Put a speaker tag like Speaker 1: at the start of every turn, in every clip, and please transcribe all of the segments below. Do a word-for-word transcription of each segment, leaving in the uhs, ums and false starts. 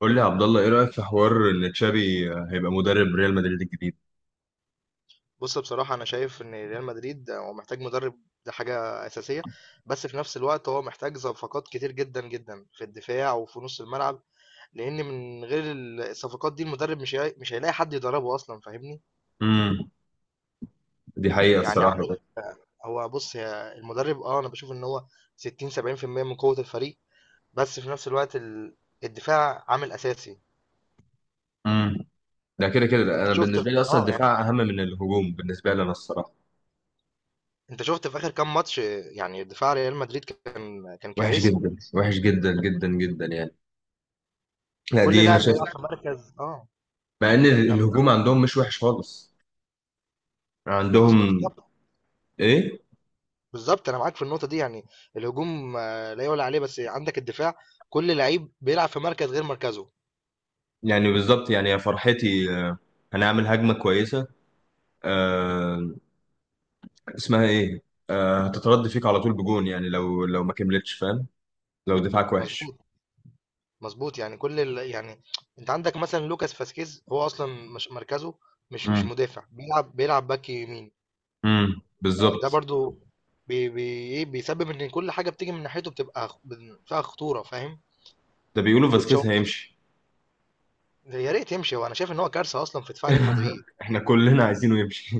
Speaker 1: قول لي يا عبد الله، ايه رايك في حوار ان تشابي هيبقى مدرب ريال مدريد الجديد؟
Speaker 2: بُص، بصراحة أنا شايف إن ريال مدريد هو محتاج مدرب. دي حاجة أساسية، بس في نفس الوقت هو محتاج صفقات كتير جدًا، جدًا في الدفاع وفي نُص الملعب، لإن من غير ال الصفقات دي المدرب مش هي مش هيلاقي حد يدربه أصلًا، فاهمني؟
Speaker 1: امم دي حقيقه
Speaker 2: يعني
Speaker 1: الصراحه
Speaker 2: عندك
Speaker 1: بقى.
Speaker 2: هو بُص هي المدرب، آه، أنا باشوف إن هو ستين، سبعين في المية من قوة الفريق، بس في نفس الوقت ال الدفاع عامل أساسي.
Speaker 1: امم ده كده كده ده.
Speaker 2: أنت
Speaker 1: انا
Speaker 2: شُفت ف
Speaker 1: بالنسبه لي اصلا
Speaker 2: آه، يعني
Speaker 1: الدفاع اهم من الهجوم بالنسبه لي انا الصراحه.
Speaker 2: أنت شُفت في آخر كام ماتش، يعني دفاع ريال مدريد كان كان
Speaker 1: وحش
Speaker 2: كارثي.
Speaker 1: جدا، وحش جدا جدا جدا يعني. لا،
Speaker 2: كل
Speaker 1: دي انا
Speaker 2: لاعب
Speaker 1: شايف.
Speaker 2: بيلعب في مركز، آه،
Speaker 1: مع ان
Speaker 2: كان.
Speaker 1: الهجوم عندهم مش وحش خالص.
Speaker 2: بس
Speaker 1: عندهم.
Speaker 2: بالظبط،
Speaker 1: ايه.
Speaker 2: بالظبط انا معاك في النقطه دي، يعني الهجوم، آه، لا يعلى عليه، بس عندك الدفاع، كل لعيب بيلعب في مركز غير مركزه.
Speaker 1: يعني بالظبط، يعني يا فرحتي، آه، هنعمل هجمه كويسه. آه. اسمها ايه؟ آه هتترد فيك على طول بجون، يعني لو لو ما كملتش، فاهم؟ لو دفاعك وحش.
Speaker 2: مظبوط مظبوط، يعني كل ال... يعني انت عندك مثلا لوكاس فاسكيز، هو اصلا مش مركزه، مش مش مدافع، بيلعب بيلعب باك يمين.
Speaker 1: امم
Speaker 2: ده
Speaker 1: بالظبط.
Speaker 2: برضو بي بي إيه، بيسبب ان كل حاجه بتيجي من ناحيته بتبقى خ- بن- فيها خطوره، فاهم؟
Speaker 1: ده بيقولوا فاسكيز
Speaker 2: وتشاوميني،
Speaker 1: هيمشي.
Speaker 2: يا ريت يمشي، وانا شايف ان هو كارثه اصلا في دفاع ريال مدريد.
Speaker 1: احنا كلنا عايزينه يمشي.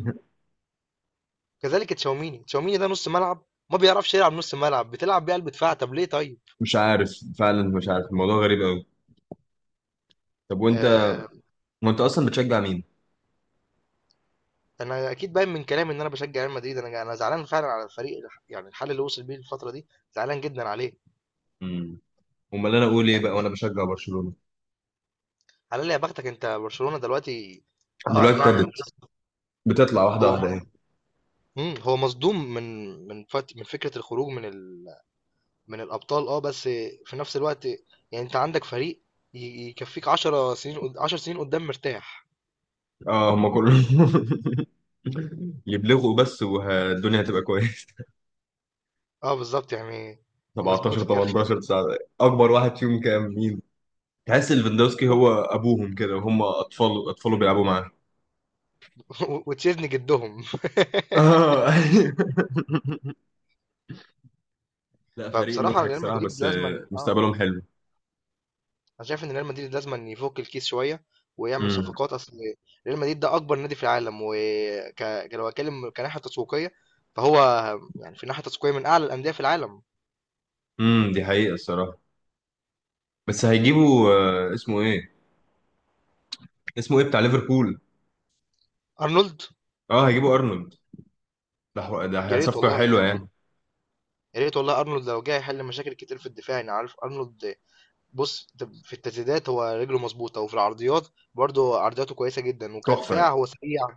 Speaker 2: كذلك تشاوميني، تشاوميني ده نص ملعب ما بيعرفش يلعب، نص ملعب بتلعب بيه قلب دفاع، طب ليه؟ طيب،
Speaker 1: مش عارف. فعلا مش عارف، الموضوع غريب قوي. طب وانت.
Speaker 2: آه،
Speaker 1: وانت اصلا بتشجع مين؟
Speaker 2: انا اكيد باين من كلامي ان انا بشجع ريال مدريد، انا انا زعلان فعلا على الفريق، يعني الحل اللي وصل بيه الفتره دي، زعلان جدا عليه.
Speaker 1: امم. امال انا اقول ايه
Speaker 2: يعني
Speaker 1: بقى وانا بشجع برشلونة؟
Speaker 2: على يا بختك، انت برشلونه دلوقتي. اه، اي
Speaker 1: دلوقتي
Speaker 2: نعم.
Speaker 1: ابتدت. بتطلع واحده
Speaker 2: هو
Speaker 1: واحده
Speaker 2: م...
Speaker 1: اهي.
Speaker 2: مم، هو مصدوم من من فت... من فكره الخروج من ال... من الابطال. اه بس في نفس الوقت، يعني انت عندك فريق، ي- يكفيك عشر سنين، قد- عشر سنين قدام مرتاح.
Speaker 1: اه، هم كلهم. يبلغوا بس والدنيا هتبقى كويسه.
Speaker 2: اه، بالظبط، يعني مظبوت
Speaker 1: سبعتاشر
Speaker 2: الكلام.
Speaker 1: تمنتاشر تسعة. اكبر واحد فيهم كام، مين؟ تحس ليفاندوسكي هو ابوهم كده، وهم اطفال، اطفاله بيلعبوا معاه.
Speaker 2: وتشيزني جدهم.
Speaker 1: اه. لا، فريق
Speaker 2: فبصراحه
Speaker 1: مضحك
Speaker 2: ريال
Speaker 1: صراحة،
Speaker 2: مدريد
Speaker 1: بس آه،
Speaker 2: لازما، اه
Speaker 1: مستقبلهم حلو.
Speaker 2: انا شايف ان ريال مدريد لازم أن يفك الكيس شويه ويعمل
Speaker 1: امم.
Speaker 2: صفقات اصل. ريال مدريد ده اكبر نادي في العالم، وك لو اتكلم كناحيه تسويقيه، فهو يعني في ناحيه تسويقيه من اعلى الانديه في العالم.
Speaker 1: امم دي حقيقة الصراحة. بس هيجيبوا. آه، اسمه ايه؟ اسمه ايه بتاع ليفربول؟
Speaker 2: ارنولد.
Speaker 1: اه، هيجيبوا ارنولد. ده حو-
Speaker 2: يا
Speaker 1: ده
Speaker 2: ريت
Speaker 1: صفقة
Speaker 2: والله
Speaker 1: حلوة
Speaker 2: يعني
Speaker 1: يعني.
Speaker 2: يا ريت والله ارنولد لو جه يحل مشاكل كتير في الدفاع. انا عارف ارنولد. بص، ده في التسديدات هو رجله مظبوطه، وفي العرضيات برضه عرضياته كويسه جدا،
Speaker 1: تحفة.
Speaker 2: وكدفاع هو سريع.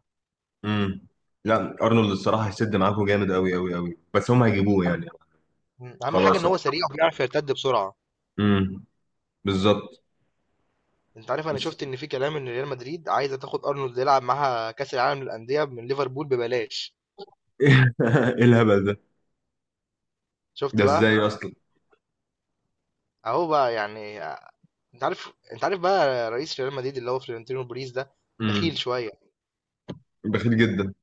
Speaker 1: امم. لا. ارنولد الصراحة هيسد معاكم جامد، قوي قوي قوي، بس هم هيجيبوه يعني؟
Speaker 2: أهم أهم حاجه ان
Speaker 1: خلاص.
Speaker 2: هو سريع وبيعرف يرتد بسرعه.
Speaker 1: امم. بالظبط.
Speaker 2: انت عارف، انا
Speaker 1: بس.
Speaker 2: شفت ان في كلام ان ريال مدريد عايزه تاخد ارنولد يلعب معاها كاس العالم للانديه من ليفربول ببلاش.
Speaker 1: ايه الهبل ده؟
Speaker 2: شفت
Speaker 1: ده
Speaker 2: بقى؟
Speaker 1: ازاي اصلا؟
Speaker 2: اهو بقى يعني. انت عارف انت عارف بقى رئيس ريال مدريد اللي هو فلورنتينو بيريز ده بخيل
Speaker 1: امم.
Speaker 2: شويه.
Speaker 1: بخيل جدا.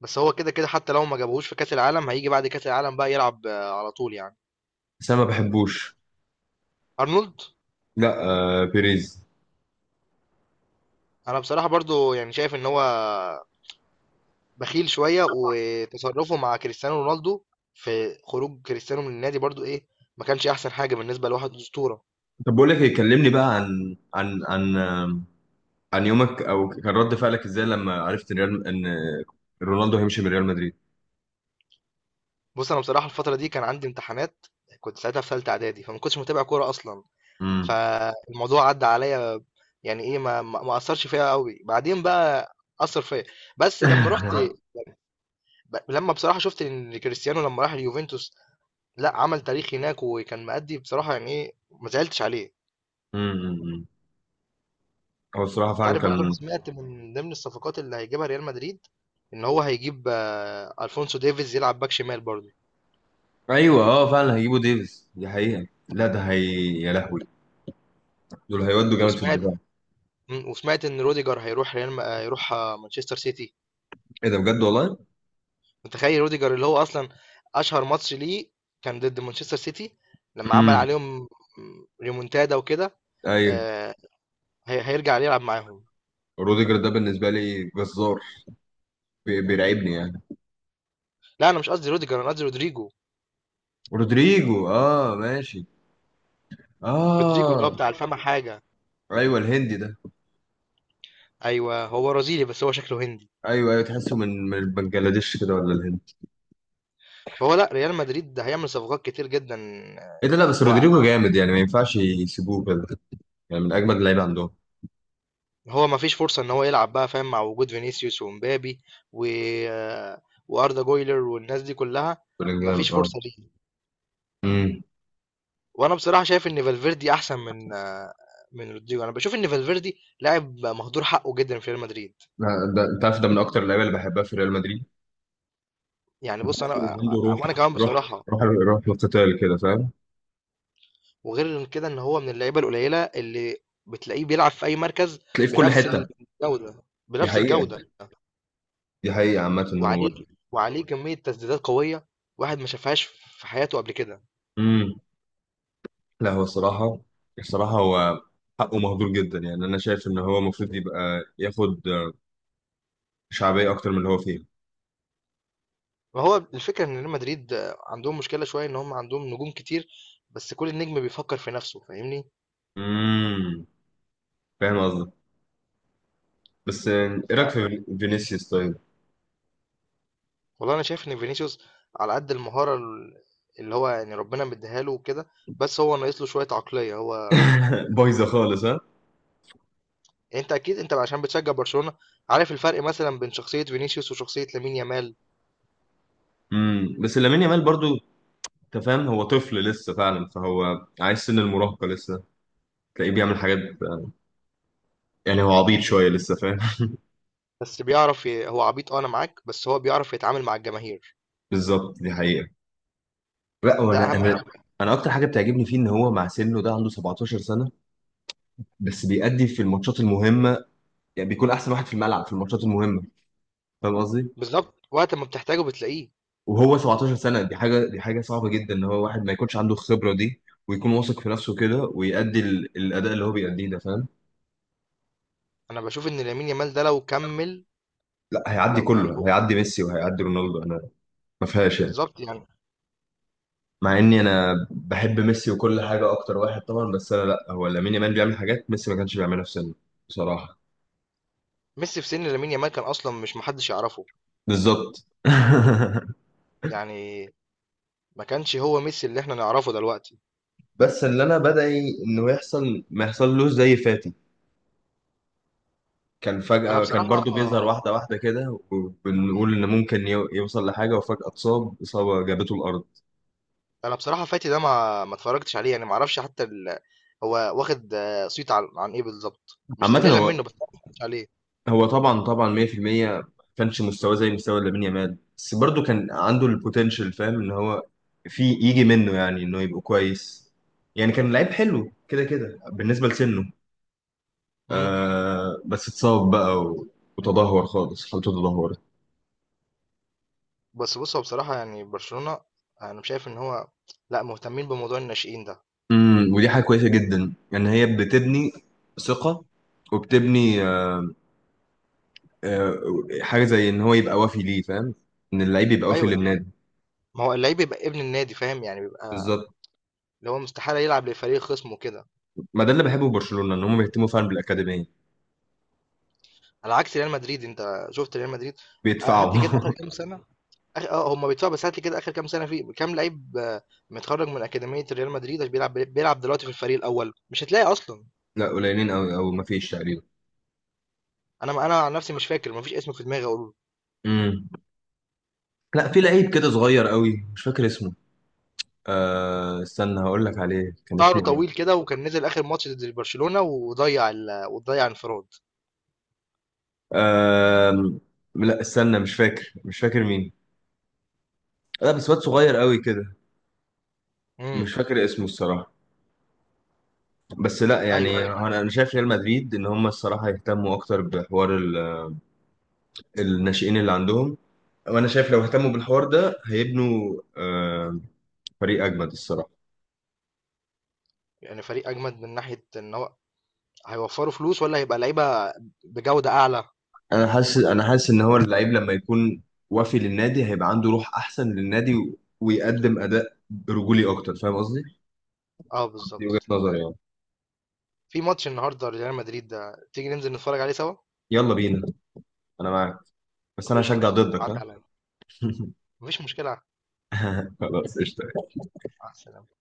Speaker 2: بس هو كده كده، حتى لو ما جابهوش في كاس العالم هيجي بعد كاس العالم بقى يلعب، آه، على طول يعني.
Speaker 1: بس انا ما بحبوش.
Speaker 2: ارنولد.
Speaker 1: لا. آه بيريز.
Speaker 2: انا بصراحه برضو يعني شايف ان هو بخيل شويه، وتصرفه مع كريستيانو رونالدو في خروج كريستيانو من النادي برضو، ايه، ما كانش احسن حاجه بالنسبه لواحد اسطوره.
Speaker 1: طب بقول لك إيه، كلمني بقى عن عن عن آه، عن يومك، او كان رد فعلك ازاي لما عرفت ان ريال ان رونالدو هيمشي من ريال مدريد.
Speaker 2: بص، انا بصراحه الفتره دي كان عندي امتحانات، كنت ساعتها في ثالثه اعدادي، فما كنتش متابع كوره اصلا،
Speaker 1: امم.
Speaker 2: فالموضوع عدى عليا. يعني ايه، ما ما ما اثرش فيا قوي. بعدين بقى اثر فيا، بس لما رحت، ب- لما بصراحه شفت ان كريستيانو لما راح اليوفنتوس، لا عمل تاريخ هناك وكان مأدي بصراحه، يعني ايه، ما زعلتش عليه.
Speaker 1: امم. هو الصراحه
Speaker 2: انت
Speaker 1: فعلا
Speaker 2: عارف برضه، انا
Speaker 1: كان.
Speaker 2: سمعت من ضمن الصفقات اللي هيجيبها ريال مدريد ان هو هيجيب، آه، الفونسو ديفيز يلعب باك شمال برضه.
Speaker 1: ايوه، اه، فعلا هيجيبوا ديفيز، دي حقيقه، لا ده هي. يا لهوي. دول هيودوا جامد في
Speaker 2: وسمعت
Speaker 1: الدفاع.
Speaker 2: مم، وسمعت ان روديجر هيروح ريال م- آه، هيروح آه، مانشستر سيتي.
Speaker 1: ايه ده، بجد والله؟
Speaker 2: متخيل روديجر اللي هو اصلا اشهر ماتش ليه كان ضد مانشستر سيتي، لما عمل
Speaker 1: امم.
Speaker 2: عليهم ريمونتادا وكده.
Speaker 1: ايوه.
Speaker 2: آه، هي- هيرجع يلعب معاهم.
Speaker 1: روديجر ده بالنسبه لي جزار. بي- بيرعبني يعني.
Speaker 2: لا، انا مش قصدي روديجر، انا قصدي رودريجو.
Speaker 1: رودريجو، اه، ماشي.
Speaker 2: رودريجو اللي هو
Speaker 1: اه.
Speaker 2: بتاع الفم حاجه.
Speaker 1: ايوه، الهندي ده.
Speaker 2: ايوه، هو برازيلي بس هو شكله هندي.
Speaker 1: ايوه، ايوه، تحسه من من بنجلاديش كده ولا الهند؟
Speaker 2: فهو، لا ريال مدريد ده هيعمل صفقات كتير جدا. آه،
Speaker 1: ايه ده، لا بس رودريجو جامد يعني، ما ينفعش يسيبوه كده. يعني من اجمد اللعيبه عندهم.
Speaker 2: وهو ما فيش فرصه ان هو يلعب بقى، فاهم، مع وجود فينيسيوس ومبابي و، آه، واردا جويلر والناس دي كلها. ما
Speaker 1: بلينجهام،
Speaker 2: فيش
Speaker 1: اه.
Speaker 2: فرصه ليه.
Speaker 1: امم.
Speaker 2: وانا بصراحه شايف ان فالفيردي احسن من، آه، من رودريجو. انا بشوف ان فالفيردي لاعب مهدور حقه جدا في ريال مدريد.
Speaker 1: لا، ده انت عارف، ده من اكتر اللعيبه اللي بحبها في ريال مدريد.
Speaker 2: يعني بص
Speaker 1: بحس إن
Speaker 2: انا.
Speaker 1: عنده روح.
Speaker 2: وانا كمان
Speaker 1: روح،
Speaker 2: بصراحه،
Speaker 1: روح، روح القتال كده، فاهم؟
Speaker 2: وغير إن كده ان هو من اللعيبه القليله اللي بتلاقيه بيلعب في اي مركز
Speaker 1: تلاقيه في كل
Speaker 2: بنفس
Speaker 1: حته.
Speaker 2: الجوده،
Speaker 1: دي
Speaker 2: بنفس الجوده.
Speaker 1: حقيقه. دي حقيقه عامه ان هو.
Speaker 2: وعليه وعليه كميه تسديدات قويه واحد ما شافهاش في حياته قبل كده.
Speaker 1: امم. لا، هو الصراحه. الصراحه هو. حقه مهدور جدا يعني، انا شايف ان هو المفروض يبقى، ياخد شعبيه اكتر من اللي هو فيه.
Speaker 2: وهو الفكره ان ريال مدريد، آه، عندهم مشكله شويه ان هم عندهم نجوم كتير، بس كل نجم بيفكر في نفسه، فاهمني؟
Speaker 1: امم. فاهم قصدك. بس آه، ايه رايك في فينيسيوس طيب؟
Speaker 2: والله انا شايف ان فينيسيوس على قد المهاره ال- اللي هو يعني ربنا مديها له وكده، بس هو ناقص له شويه عقليه. هو
Speaker 1: بايظه خالص، ها.
Speaker 2: يعني، انت اكيد، انت عشان بتشجع برشلونه، عارف الفرق مثلا بين شخصيه فينيسيوس وشخصيه لامين يامال.
Speaker 1: امم بس لامين يامال برضو. انت فاهم، هو طفل لسه فعلا، فهو عايز سن المراهقه لسه. تلاقيه بيعمل حاجات. يعني هو عبيط شويه لسه، فاهم؟
Speaker 2: بس بيعرف ي... هو عبيط، اه، انا معاك، بس هو بيعرف يتعامل مع الجماهير.
Speaker 1: بالظبط، دي حقيقه. لا،
Speaker 2: ده
Speaker 1: وانا
Speaker 2: اهم
Speaker 1: انا
Speaker 2: حاجه.
Speaker 1: انا اكتر حاجه بتعجبني فيه ان هو مع سنه ده عنده سبعتاشر سنه. بس بيأدي في الماتشات المهمه. يعني بيكون احسن واحد في الملعب في الماتشات المهمه. فاهم قصدي.
Speaker 2: بالظبط، وقت ما بتحتاجه بتلاقيه.
Speaker 1: وهو سبعة عشر سنه، دي حاجه دي حاجه صعبه جدا ان هو واحد ما يكونش عنده الخبره دي، ويكون واثق في نفسه كده ويأدي ال- الاداء اللي هو بيأديه ده، فاهم؟
Speaker 2: انا بشوف ان لامين يامال ده لو كمل،
Speaker 1: لا، هيعدي
Speaker 2: لو يعني
Speaker 1: كله،
Speaker 2: هو
Speaker 1: هيعدي ميسي وهيعدي رونالدو، انا. ما فيهاش يعني.
Speaker 2: بالظبط يعني.
Speaker 1: مع اني انا بحب ميسي وكل حاجه اكتر واحد طبعا، بس انا، لا، هو لامين يامال بيعمل حاجات ميسي ما كانش بيعملها في سنه. بصراحه.
Speaker 2: ميسي في سن لامين يامال كان اصلا مش، محدش يعرفه،
Speaker 1: بالظبط.
Speaker 2: يعني ما كانش هو ميسي اللي احنا نعرفه دلوقتي.
Speaker 1: بس اللي انا بدعي انه يحصل ما يحصلوش زي فاتي. كان
Speaker 2: انا
Speaker 1: فجأة كان
Speaker 2: بصراحه
Speaker 1: برضو بيظهر واحدة واحدة كده وبنقول إن ممكن يو- يوصل لحاجة، وفجأة اتصاب إصابة جابته الأرض.
Speaker 2: انا بصراحه فاتي ده ما ما اتفرجتش عليه، يعني ما اعرفش حتى ال... هو واخد، آه، صيت عن عن ايه بالظبط، مش
Speaker 1: عامة
Speaker 2: تقليلا
Speaker 1: هو،
Speaker 2: منه، بس أنا ما اتفرجتش عليه.
Speaker 1: هو طبعا طبعا مية في المية، ما كانش مستواه زي مستوى لامين يامال، بس برضه كان عنده البوتنشال، فاهم ان هو في يجي منه يعني انه يبقى كويس. يعني كان لعيب حلو كده كده بالنسبه لسنه.
Speaker 2: امم.
Speaker 1: آه بس اتصاب بقى و- وتدهور خالص، حالته تدهورت.
Speaker 2: بس بص هو بصراحه يعني برشلونه، انا شايف ان هو لا، مهتمين بموضوع الناشئين ده.
Speaker 1: امم ودي حاجه كويسه جدا ان هي بتبني ثقه، وبتبني آه آه، حاجه زي ان هو يبقى وافي ليه، فاهم؟ ان اللعيب يبقى وافي
Speaker 2: ايوه،
Speaker 1: للنادي.
Speaker 2: ما هو اللعيب بيبقى ابن النادي، فاهم، يعني بيبقى
Speaker 1: بالظبط.
Speaker 2: اللي هو مستحاله يلعب لفريق خصمه كده.
Speaker 1: ما ده اللي بحبه في برشلونه، ان هم بيهتموا فعلا بالاكاديميه.
Speaker 2: على عكس ريال مدريد، انت شفت ريال مدريد؟ آه، هات
Speaker 1: بيدفعوا.
Speaker 2: لي كده اخر كام سنه، آخر- اه هم بيدفعوا، بس هات لي كده اخر كام سنه في كام لعيب، آه، متخرج من اكاديميه ريال مدريد بيلعب بيلعب دلوقتي في الفريق الاول. مش هتلاقي اصلا.
Speaker 1: لا، قليلين قوي او مفيش تقريبا.
Speaker 2: أنا، ما أنا عن نفسي مش فاكر، ما فيش اسم في دماغي أقوله.
Speaker 1: امم. لا، في لعيب كده صغير قوي، مش فاكر اسمه. آه استنى هقول لك عليه، كان
Speaker 2: شعره
Speaker 1: اسمه ايه؟
Speaker 2: طويل كده وكان نزل آخر ماتش ضد برشلونة وضيع ال... وضيع انفراد.
Speaker 1: آه لا، استنى، مش فاكر مش فاكر مين. لا بس واد صغير قوي كده.
Speaker 2: امم.
Speaker 1: مش فاكر اسمه الصراحة. بس لا
Speaker 2: أيوه،
Speaker 1: يعني
Speaker 2: أيوه.
Speaker 1: انا أنا شايف ريال مدريد ان هم الصراحة يهتموا اكتر بحوار ال- الناشئين اللي عندهم. وانا شايف لو اهتموا بالحوار ده هيبنوا آه فريق اجمد الصراحة.
Speaker 2: يعني فريق أجمد من ناحية إن هو هيوفروا فلوس، ولا هيبقى لعيبة بجودة أعلى.
Speaker 1: انا حاسس انا حاسس ان هو اللعيب لما يكون وافي للنادي هيبقى عنده روح احسن للنادي و- ويقدم اداء رجولي اكتر، فاهم قصدي.
Speaker 2: أه،
Speaker 1: دي وجهة
Speaker 2: بالظبط.
Speaker 1: نظري يعني.
Speaker 2: في ماتش النهاردة ريال مدريد، ده تيجي ننزل نتفرج عليه سوا؟
Speaker 1: يلا بينا. انا معاك. بس
Speaker 2: طب
Speaker 1: انا
Speaker 2: قشطة.
Speaker 1: هشجع ضدك،
Speaker 2: عدى
Speaker 1: ها.
Speaker 2: عليا، مفيش مشكلة.
Speaker 1: خلاص، قشطة.
Speaker 2: على السلامة.